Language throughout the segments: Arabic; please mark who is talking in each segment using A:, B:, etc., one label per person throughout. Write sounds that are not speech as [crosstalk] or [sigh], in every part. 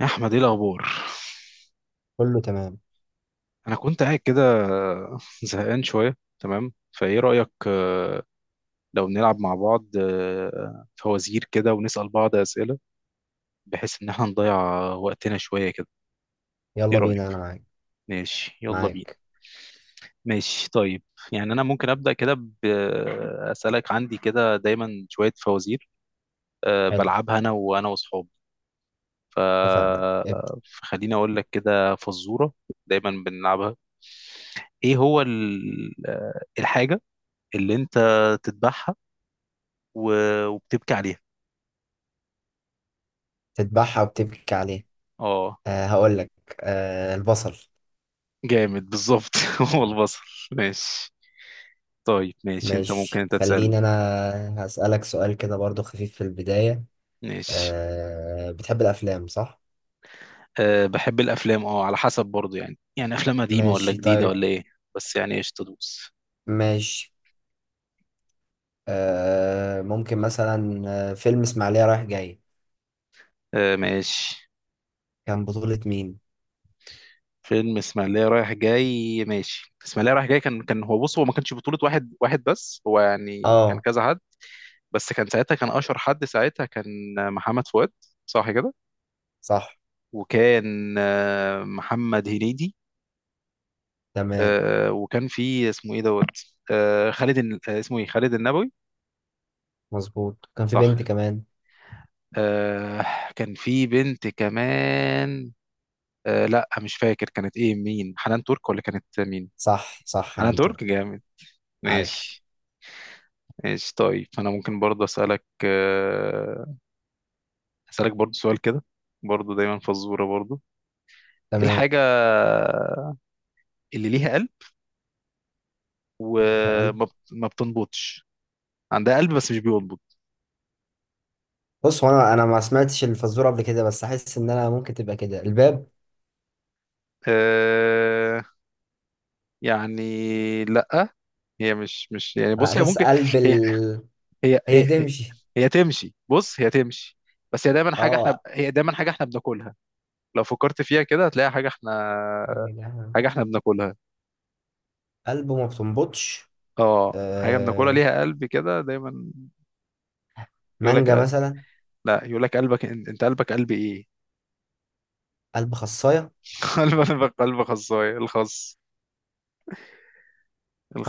A: يا احمد، ايه الاخبار؟
B: كله تمام.
A: انا كنت قاعد كده زهقان شويه. تمام، فايه رايك لو نلعب مع بعض فوازير كده ونسال بعض اسئله، بحيث ان احنا نضيع وقتنا شويه كده؟ ايه
B: يلا
A: رايك؟
B: بينا انا معاك.
A: ماشي، يلا بينا.
B: معاك.
A: ماشي طيب، يعني انا ممكن ابدا كده، باسالك. عندي كده دايما شويه فوازير
B: حلو.
A: بلعبها انا وانا واصحابي. ف-
B: اتفقنا.
A: فخليني اقول لك كده فزوره دايما بنلعبها. ايه هو الحاجه اللي انت تذبحها و... وبتبكي عليها؟
B: بتذبحها وبتبكي عليها.
A: اه،
B: هقول لك. أه، البصل.
A: جامد بالظبط. [laughs] هو البصل. ماشي طيب، ماشي انت ممكن،
B: ماشي،
A: انت تسأل.
B: خليني انا هسألك سؤال كده برضو خفيف في البداية.
A: ماشي.
B: أه، بتحب الافلام صح؟
A: أه، بحب الافلام، اه على حسب برضو. يعني افلام قديمة ولا
B: ماشي
A: جديدة
B: طيب.
A: ولا ايه؟ بس يعني ايش تدوس.
B: ماشي. ممكن مثلا فيلم اسماعيلية رايح جاي،
A: أه ماشي.
B: كان بطولة مين؟
A: فيلم اسماعيلية رايح جاي؟ ماشي. اسماعيلية رايح جاي، كان هو، بص هو ما كانش بطولة واحد واحد بس، هو يعني كان
B: اه،
A: كذا حد. بس كان ساعتها، كان اشهر حد ساعتها كان محمد فؤاد، صح كده؟
B: صح.
A: وكان محمد هنيدي.
B: تمام.
A: وكان في اسمه ايه دوت، خالد الن- آه، اسمه ايه، خالد النبوي.
B: مظبوط، كان في
A: صح.
B: بنت كمان.
A: آه، كان في بنت كمان. لا مش فاكر كانت ايه، مين، حنان ترك ولا كانت مين؟
B: صح صح يا
A: حنان
B: عنتر.
A: ترك، جامد.
B: عاش.
A: ماشي. ماشي طيب، فانا ممكن برضه اسالك اسالك برضه سؤال كده برضه، دايما فزوره برضه. ايه
B: تمام.
A: الحاجه اللي ليها قلب ما بتنبضش؟ عندها قلب بس مش بينبض.
B: بص، هو انا ما سمعتش الفزوره قبل كده بس احس ان انا ممكن تبقى كده الباب،
A: آه. يعني لأ. هي مش يعني،
B: على
A: بص، هي
B: اساس
A: ممكن
B: قلب
A: هي هي هي,
B: هي
A: هي,
B: هتمشي.
A: هي تمشي. بص هي تمشي، بس هي دايما حاجة احنا
B: اه،
A: بناكلها. لو فكرت فيها كده هتلاقي حاجة احنا
B: يا جماعة.
A: بناكلها،
B: قلب ما بتنبضش.
A: اه. حاجة بناكلها
B: آه...
A: ليها قلب كده دايما. يقول لك
B: مانجا
A: آه.
B: مثلا.
A: لا، يقول لك قلبك، انت قلبك قلب ايه؟
B: قلب خصايه.
A: [laughs] قلبك قلب خصاية،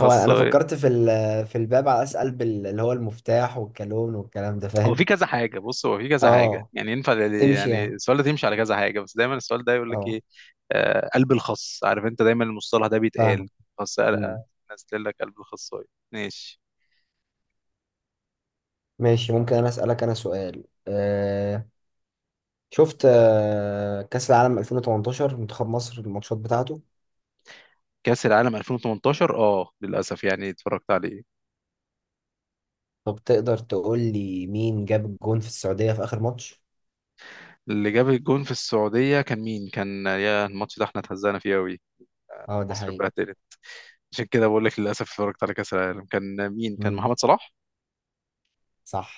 B: هو انا فكرت في الباب، على اساس قلب اللي هو المفتاح والكالون والكلام ده،
A: هو في
B: فاهم.
A: كذا حاجة، بص هو في كذا حاجة،
B: اه،
A: يعني ينفع
B: تمشي
A: يعني
B: يعني.
A: السؤال ده تمشي على كذا حاجة، بس دايما السؤال ده يقول لك
B: اه،
A: ايه. آه، قلب الخص، عارف انت دايما المصطلح ده بيتقال،
B: فاهمك.
A: خص.
B: مم.
A: نزل لك قلب الخصاية. ماشي.
B: ماشي، ممكن انا اسالك انا سؤال. شفت كاس العالم 2018 منتخب مصر، الماتشات بتاعته؟
A: كأس العالم 2018، اه للأسف يعني اتفرجت عليه.
B: طب تقدر تقول لي مين جاب الجون في السعودية في آخر ماتش؟
A: اللي جاب الجون في السعودية كان مين، كان يا، الماتش ده احنا اتهزقنا فيه قوي.
B: اه، ده
A: مصر
B: حقيقي.
A: اتبهدلت، عشان كده بقول لك للأسف اتفرجت على كأس العالم. كان مين، كان
B: امم.
A: محمد صلاح.
B: صح.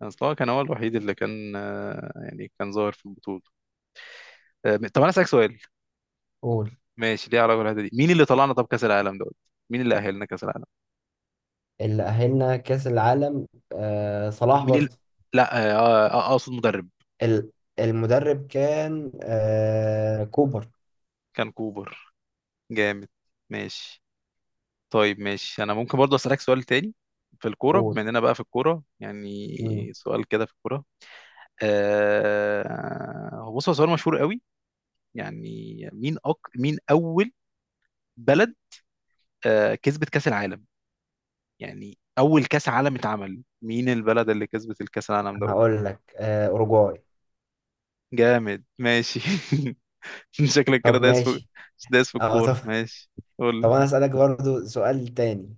A: كان صلاح كان هو الوحيد اللي كان يعني كان ظاهر في البطولة. طب أنا أسألك سؤال
B: قول.
A: ماشي، ليه علاقه بالحته دي. مين اللي طلعنا، طب كاس العالم دوت، مين اللي اهلنا كاس العالم؟
B: اللي أهلنا كأس العالم صلاح
A: مين اللي...
B: برضه.
A: لا اقصد مدرب.
B: ال- المدرب كان كوبر.
A: كان كوبر، جامد. ماشي طيب، ماشي انا ممكن برضه اسالك سؤال تاني في الكوره،
B: قول.
A: بما اننا بقى في الكوره يعني.
B: امم.
A: سؤال كده في الكوره، هو، بص هو سؤال مشهور قوي يعني. مين اول بلد كسبت كاس العالم؟ يعني اول كاس عالم اتعمل، مين البلد اللي كسبت الكاس العالم دوت؟
B: هقول لك أوروجواي.
A: جامد ماشي. [laughs] [laughs] شكلك كده
B: طب
A: دايس في،
B: ماشي.
A: دايس في
B: اه، [laughs] طب.
A: الكورة. ماشي، قول لي.
B: طب أنا أسألك برضه سؤال تاني،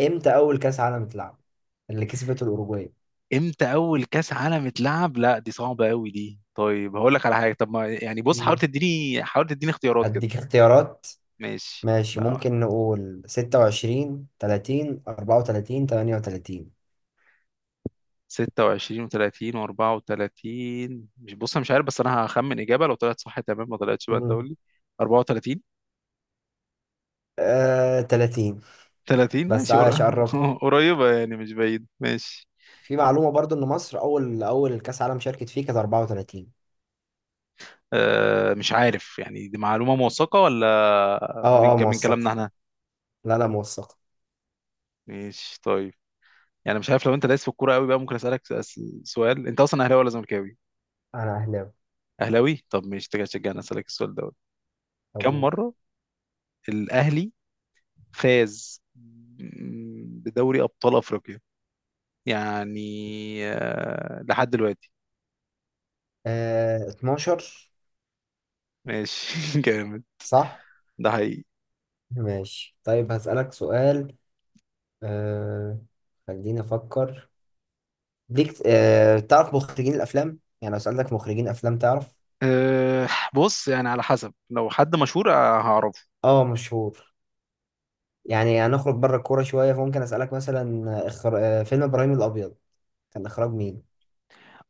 B: امتى أول كأس عالم اتلعب اللي كسبته الأوروجواي؟
A: امتى اول كاس عالم اتلعب؟ لا دي صعبة قوي دي. طيب هقول لك على حاجة، طب ما، يعني بص حاول
B: مم.
A: تديني، اختيارات كده.
B: أديك اختيارات.
A: ماشي.
B: ماشي،
A: لا،
B: ممكن نقول 26، 30، 34، 38.
A: 26 و30 و34. مش، بص انا مش عارف، بس انا هخمن اجابة، لو طلعت صح تمام، ما طلعتش بقى انت
B: مم.
A: قول لي. 34.
B: 30.
A: 30،
B: بس
A: ماشي
B: عايش قربت.
A: [laughs] قريبة، يعني مش بعيد. ماشي.
B: في معلومة برضو إن مصر أول أول كأس عالم شاركت فيه كانت 34.
A: أه مش عارف، يعني دي معلومة موثقة ولا
B: أه أه،
A: من كلامنا
B: موثقة.
A: احنا؟
B: لا لا، موثقة.
A: ماشي طيب. يعني مش عارف، لو انت دايس في الكوره قوي بقى، ممكن اسالك سؤال. انت اصلا اهلاوي ولا زملكاوي؟
B: أنا أهلاوي.
A: اهلاوي، طب مش تيجي تشجعني. اسالك السؤال دوت، كم
B: أبوك.
A: مره الاهلي فاز بدوري ابطال افريقيا؟ يعني لحد دلوقتي.
B: 12.
A: ماشي [laughs] جامد.
B: صح.
A: ده حقيقي.
B: ماشي طيب، هسألك سؤال. آه خليني أفكر ليك. تعرف مخرجين الأفلام؟ يعني لو سألتك مخرجين أفلام تعرف؟
A: أه بص، يعني على حسب، لو حد مشهور هعرفه.
B: أه، مشهور. يعني هنخرج بره الكورة شوية، فممكن أسألك مثلا آه، إخر... آه، فيلم إبراهيم الأبيض كان إخراج مين؟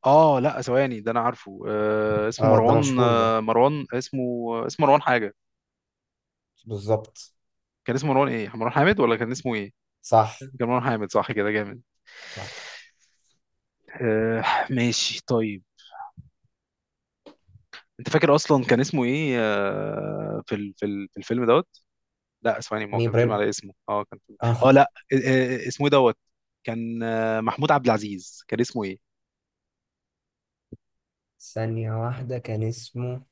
A: اه لا ثواني، ده انا عارفه. أه اسمه
B: اه، ده
A: مروان،
B: مشهور ده.
A: مروان اسمه، اسمه مروان حاجه.
B: بالظبط.
A: كان اسمه مروان ايه، مروان حامد، ولا كان اسمه ايه؟
B: صح.
A: جمال حامد، صح كده؟ جامد.
B: صح.
A: آه. ماشي طيب، انت فاكر اصلا كان اسمه ايه آه في الفيلم دوت؟ لا اسمعني، ما هو
B: مين
A: كان فيلم
B: إبراهيم؟
A: على اسمه. اه كان فيلم. اه
B: اه.
A: لا. آه، اسمه إيه دوت، كان آه محمود عبد العزيز، كان اسمه ايه.
B: ثانية واحدة، كان اسمه.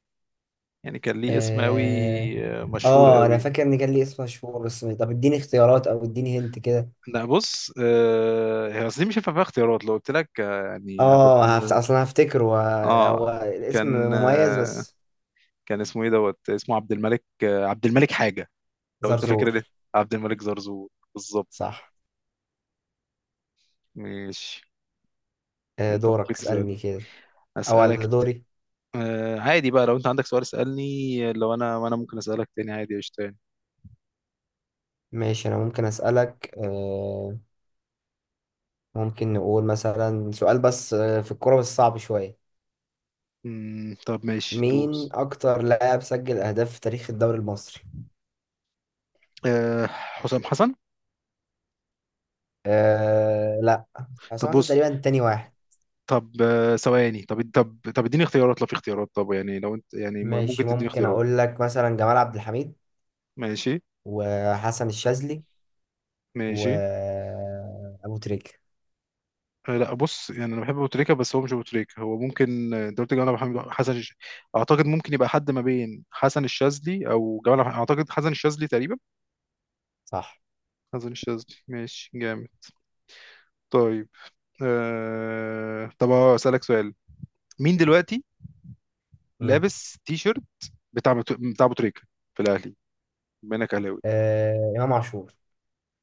A: يعني كان ليه اسم قوي
B: اه.
A: آه مشهور
B: اه، أنا
A: قوي.
B: فاكر إن كان لي اسم مشهور، بس طب اديني اختيارات أو اديني هنت كده.
A: لا بص، آه هي اصل دي مش هينفع فيها اختيارات، لو قلت لك آه يعني هتبقى،
B: أصلا هفتكره. هو، هو
A: اه
B: الاسم
A: كان
B: مميز بس.
A: كان اسمه ايه دوت، اسمه عبد الملك، آه عبد الملك حاجة، لو انت فاكر
B: زرزور.
A: ده. عبد الملك زرزور، بالظبط.
B: صح.
A: ماشي.
B: آه،
A: انت
B: دورك
A: ممكن
B: اسألني
A: تسألني.
B: كده. أو
A: اسألك
B: على
A: ت...
B: دوري.
A: آه عادي بقى، لو انت عندك سؤال اسألني، لو انا ممكن اسألك تاني عادي، قشطة يعني.
B: ماشي، أنا ممكن أسألك ممكن نقول مثلا سؤال، بس في الكورة، بس صعب شوية.
A: مم، طب ماشي
B: مين
A: دوس.
B: أكتر لاعب سجل أهداف في تاريخ الدوري المصري؟
A: آه، حسام حسن.
B: أه لا.
A: طب
B: حسام حسن
A: بص،
B: تقريبا تاني واحد.
A: طب ثواني، طب اديني اختيارات، لو في اختيارات، طب يعني لو انت يعني ممكن
B: ماشي،
A: تديني
B: ممكن
A: اختيارات.
B: أقول لك مثلا جمال عبد الحميد،
A: ماشي.
B: وحسن الشاذلي،
A: ماشي.
B: وأبو تريكة.
A: لا بص، يعني انا بحب ابو تريكه، بس هو مش ابو تريكه، هو ممكن انت قلت جمال عبد الحميد، اعتقد ممكن يبقى حد ما بين حسن الشاذلي او جمال عبد الحميد، اعتقد حسن الشاذلي تقريبا.
B: صح.
A: حسن الشاذلي، ماشي جامد. طيب. طب اسالك سؤال. مين دلوقتي
B: مم.
A: لابس تي شيرت بتاع بتاع ابو تريكه في الاهلي، بما انك اهلاوي؟
B: إمام عاشور،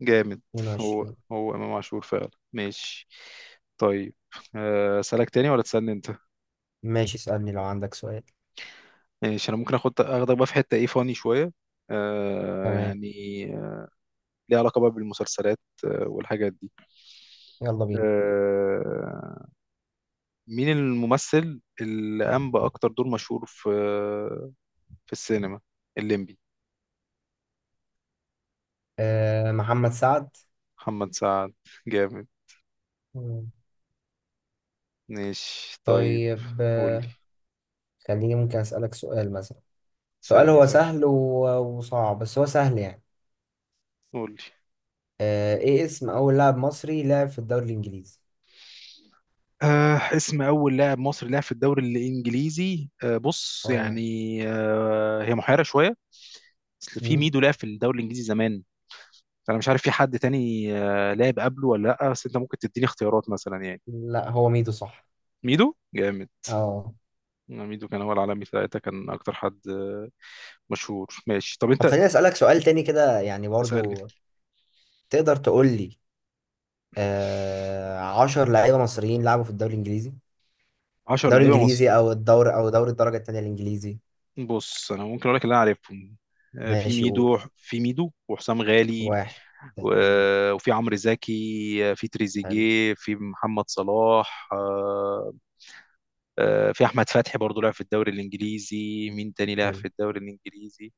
A: جامد. هو،
B: 22.
A: هو امام عاشور فعلا. ماشي طيب، اسالك تاني ولا تسالني انت؟
B: ماشي، اسألني لو عندك سؤال.
A: ماشي، انا ممكن اخدك بقى في حته، ايه، فاني شويه
B: تمام.
A: يعني، آه، ليها علاقه بقى بالمسلسلات والحاجات دي.
B: يلا بينا.
A: آه، مين الممثل اللي قام باكتر دور مشهور في في السينما، الليمبي؟
B: أه، محمد سعد.
A: محمد سعد، جامد.
B: مم.
A: ماشي طيب.
B: طيب،
A: قول لي،
B: خليني ممكن أسألك سؤال مثلا، سؤال
A: سألني
B: هو
A: سؤال.
B: وصعب، بس هو سهل يعني.
A: قول لي.
B: ايه اسم اول لاعب مصري لعب في الدوري الانجليزي؟
A: آه، اسم اول لاعب مصري لعب في الدوري الانجليزي؟ آه، بص
B: اه.
A: يعني، آه هي محيره شويه، اصل في
B: مم؟
A: ميدو لعب في الدوري الانجليزي زمان. انا مش عارف في حد تاني لعب قبله ولا لا، بس انت ممكن تديني اختيارات مثلا يعني.
B: لا، هو ميدو صح.
A: ميدو، جامد.
B: اه.
A: ميدو كان هو العالمي ثلاثة، كان اكتر حد مشهور. ماشي، طب انت.
B: طب خليني اسالك سؤال تاني كده، يعني
A: اسألني.
B: برضو، تقدر تقول لي 10 لعيبه مصريين لعبوا في الدوري الانجليزي؟
A: 10
B: الدوري
A: لعيبة مصر.
B: الانجليزي، او الدور او دوري الدرجه التانيه الانجليزي.
A: بص انا ممكن اقول لك اللي انا عارفهم. في
B: ماشي، قول.
A: ميدو، وحسام غالي.
B: واحد. اتنين.
A: وفي عمرو زكي، في
B: حلو.
A: تريزيجيه، في محمد صلاح، في احمد فتحي برضه لعب في الدوري الانجليزي. مين تاني لعب في
B: حلو.
A: الدوري الانجليزي؟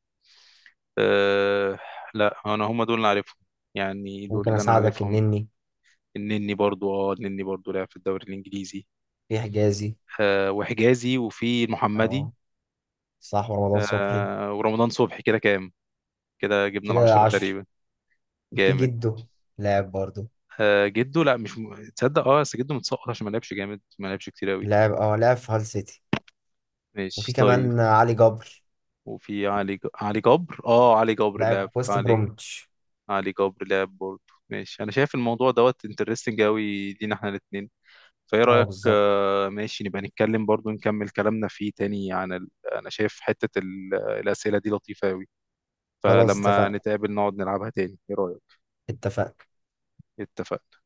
A: أه. لا انا هم دول اللي عارفهم، يعني دول
B: ممكن
A: اللي انا
B: اساعدك،
A: عارفهم.
B: النني.
A: النني، برضو. اه النني برضو لعب في الدوري الانجليزي.
B: في حجازي.
A: أه وحجازي، وفي المحمدي.
B: اه. صح، ورمضان صبحي.
A: أه ورمضان صبحي. كده كام؟ كده جبنا
B: كده
A: العشرة
B: 10.
A: تقريبا،
B: في
A: جامد.
B: جده، لاعب برضه.
A: أه جدو، لا مش م... تصدق، اه بس جدو متسقط عشان ما لعبش. جامد، ما لعبش كتير قوي.
B: لاعب في هال سيتي. وفي
A: ماشي طيب.
B: كمان علي جبر.
A: وفي علي جبر. اه علي جبر لعب.
B: لاعب في وست
A: علي،
B: برومتش.
A: علي جبر لعب برضو. ماشي. انا شايف الموضوع دوت انترستنج قوي لينا احنا الاثنين، فايه
B: اه،
A: رأيك؟
B: بالظبط.
A: ماشي، نبقى نتكلم برضو، نكمل كلامنا فيه تاني عن انا شايف حتة الأسئلة دي لطيفة قوي،
B: خلاص
A: فلما
B: اتفقنا.
A: نتقابل نقعد نلعبها تاني. ايه رأيك؟
B: اتفقنا.
A: اتفقنا.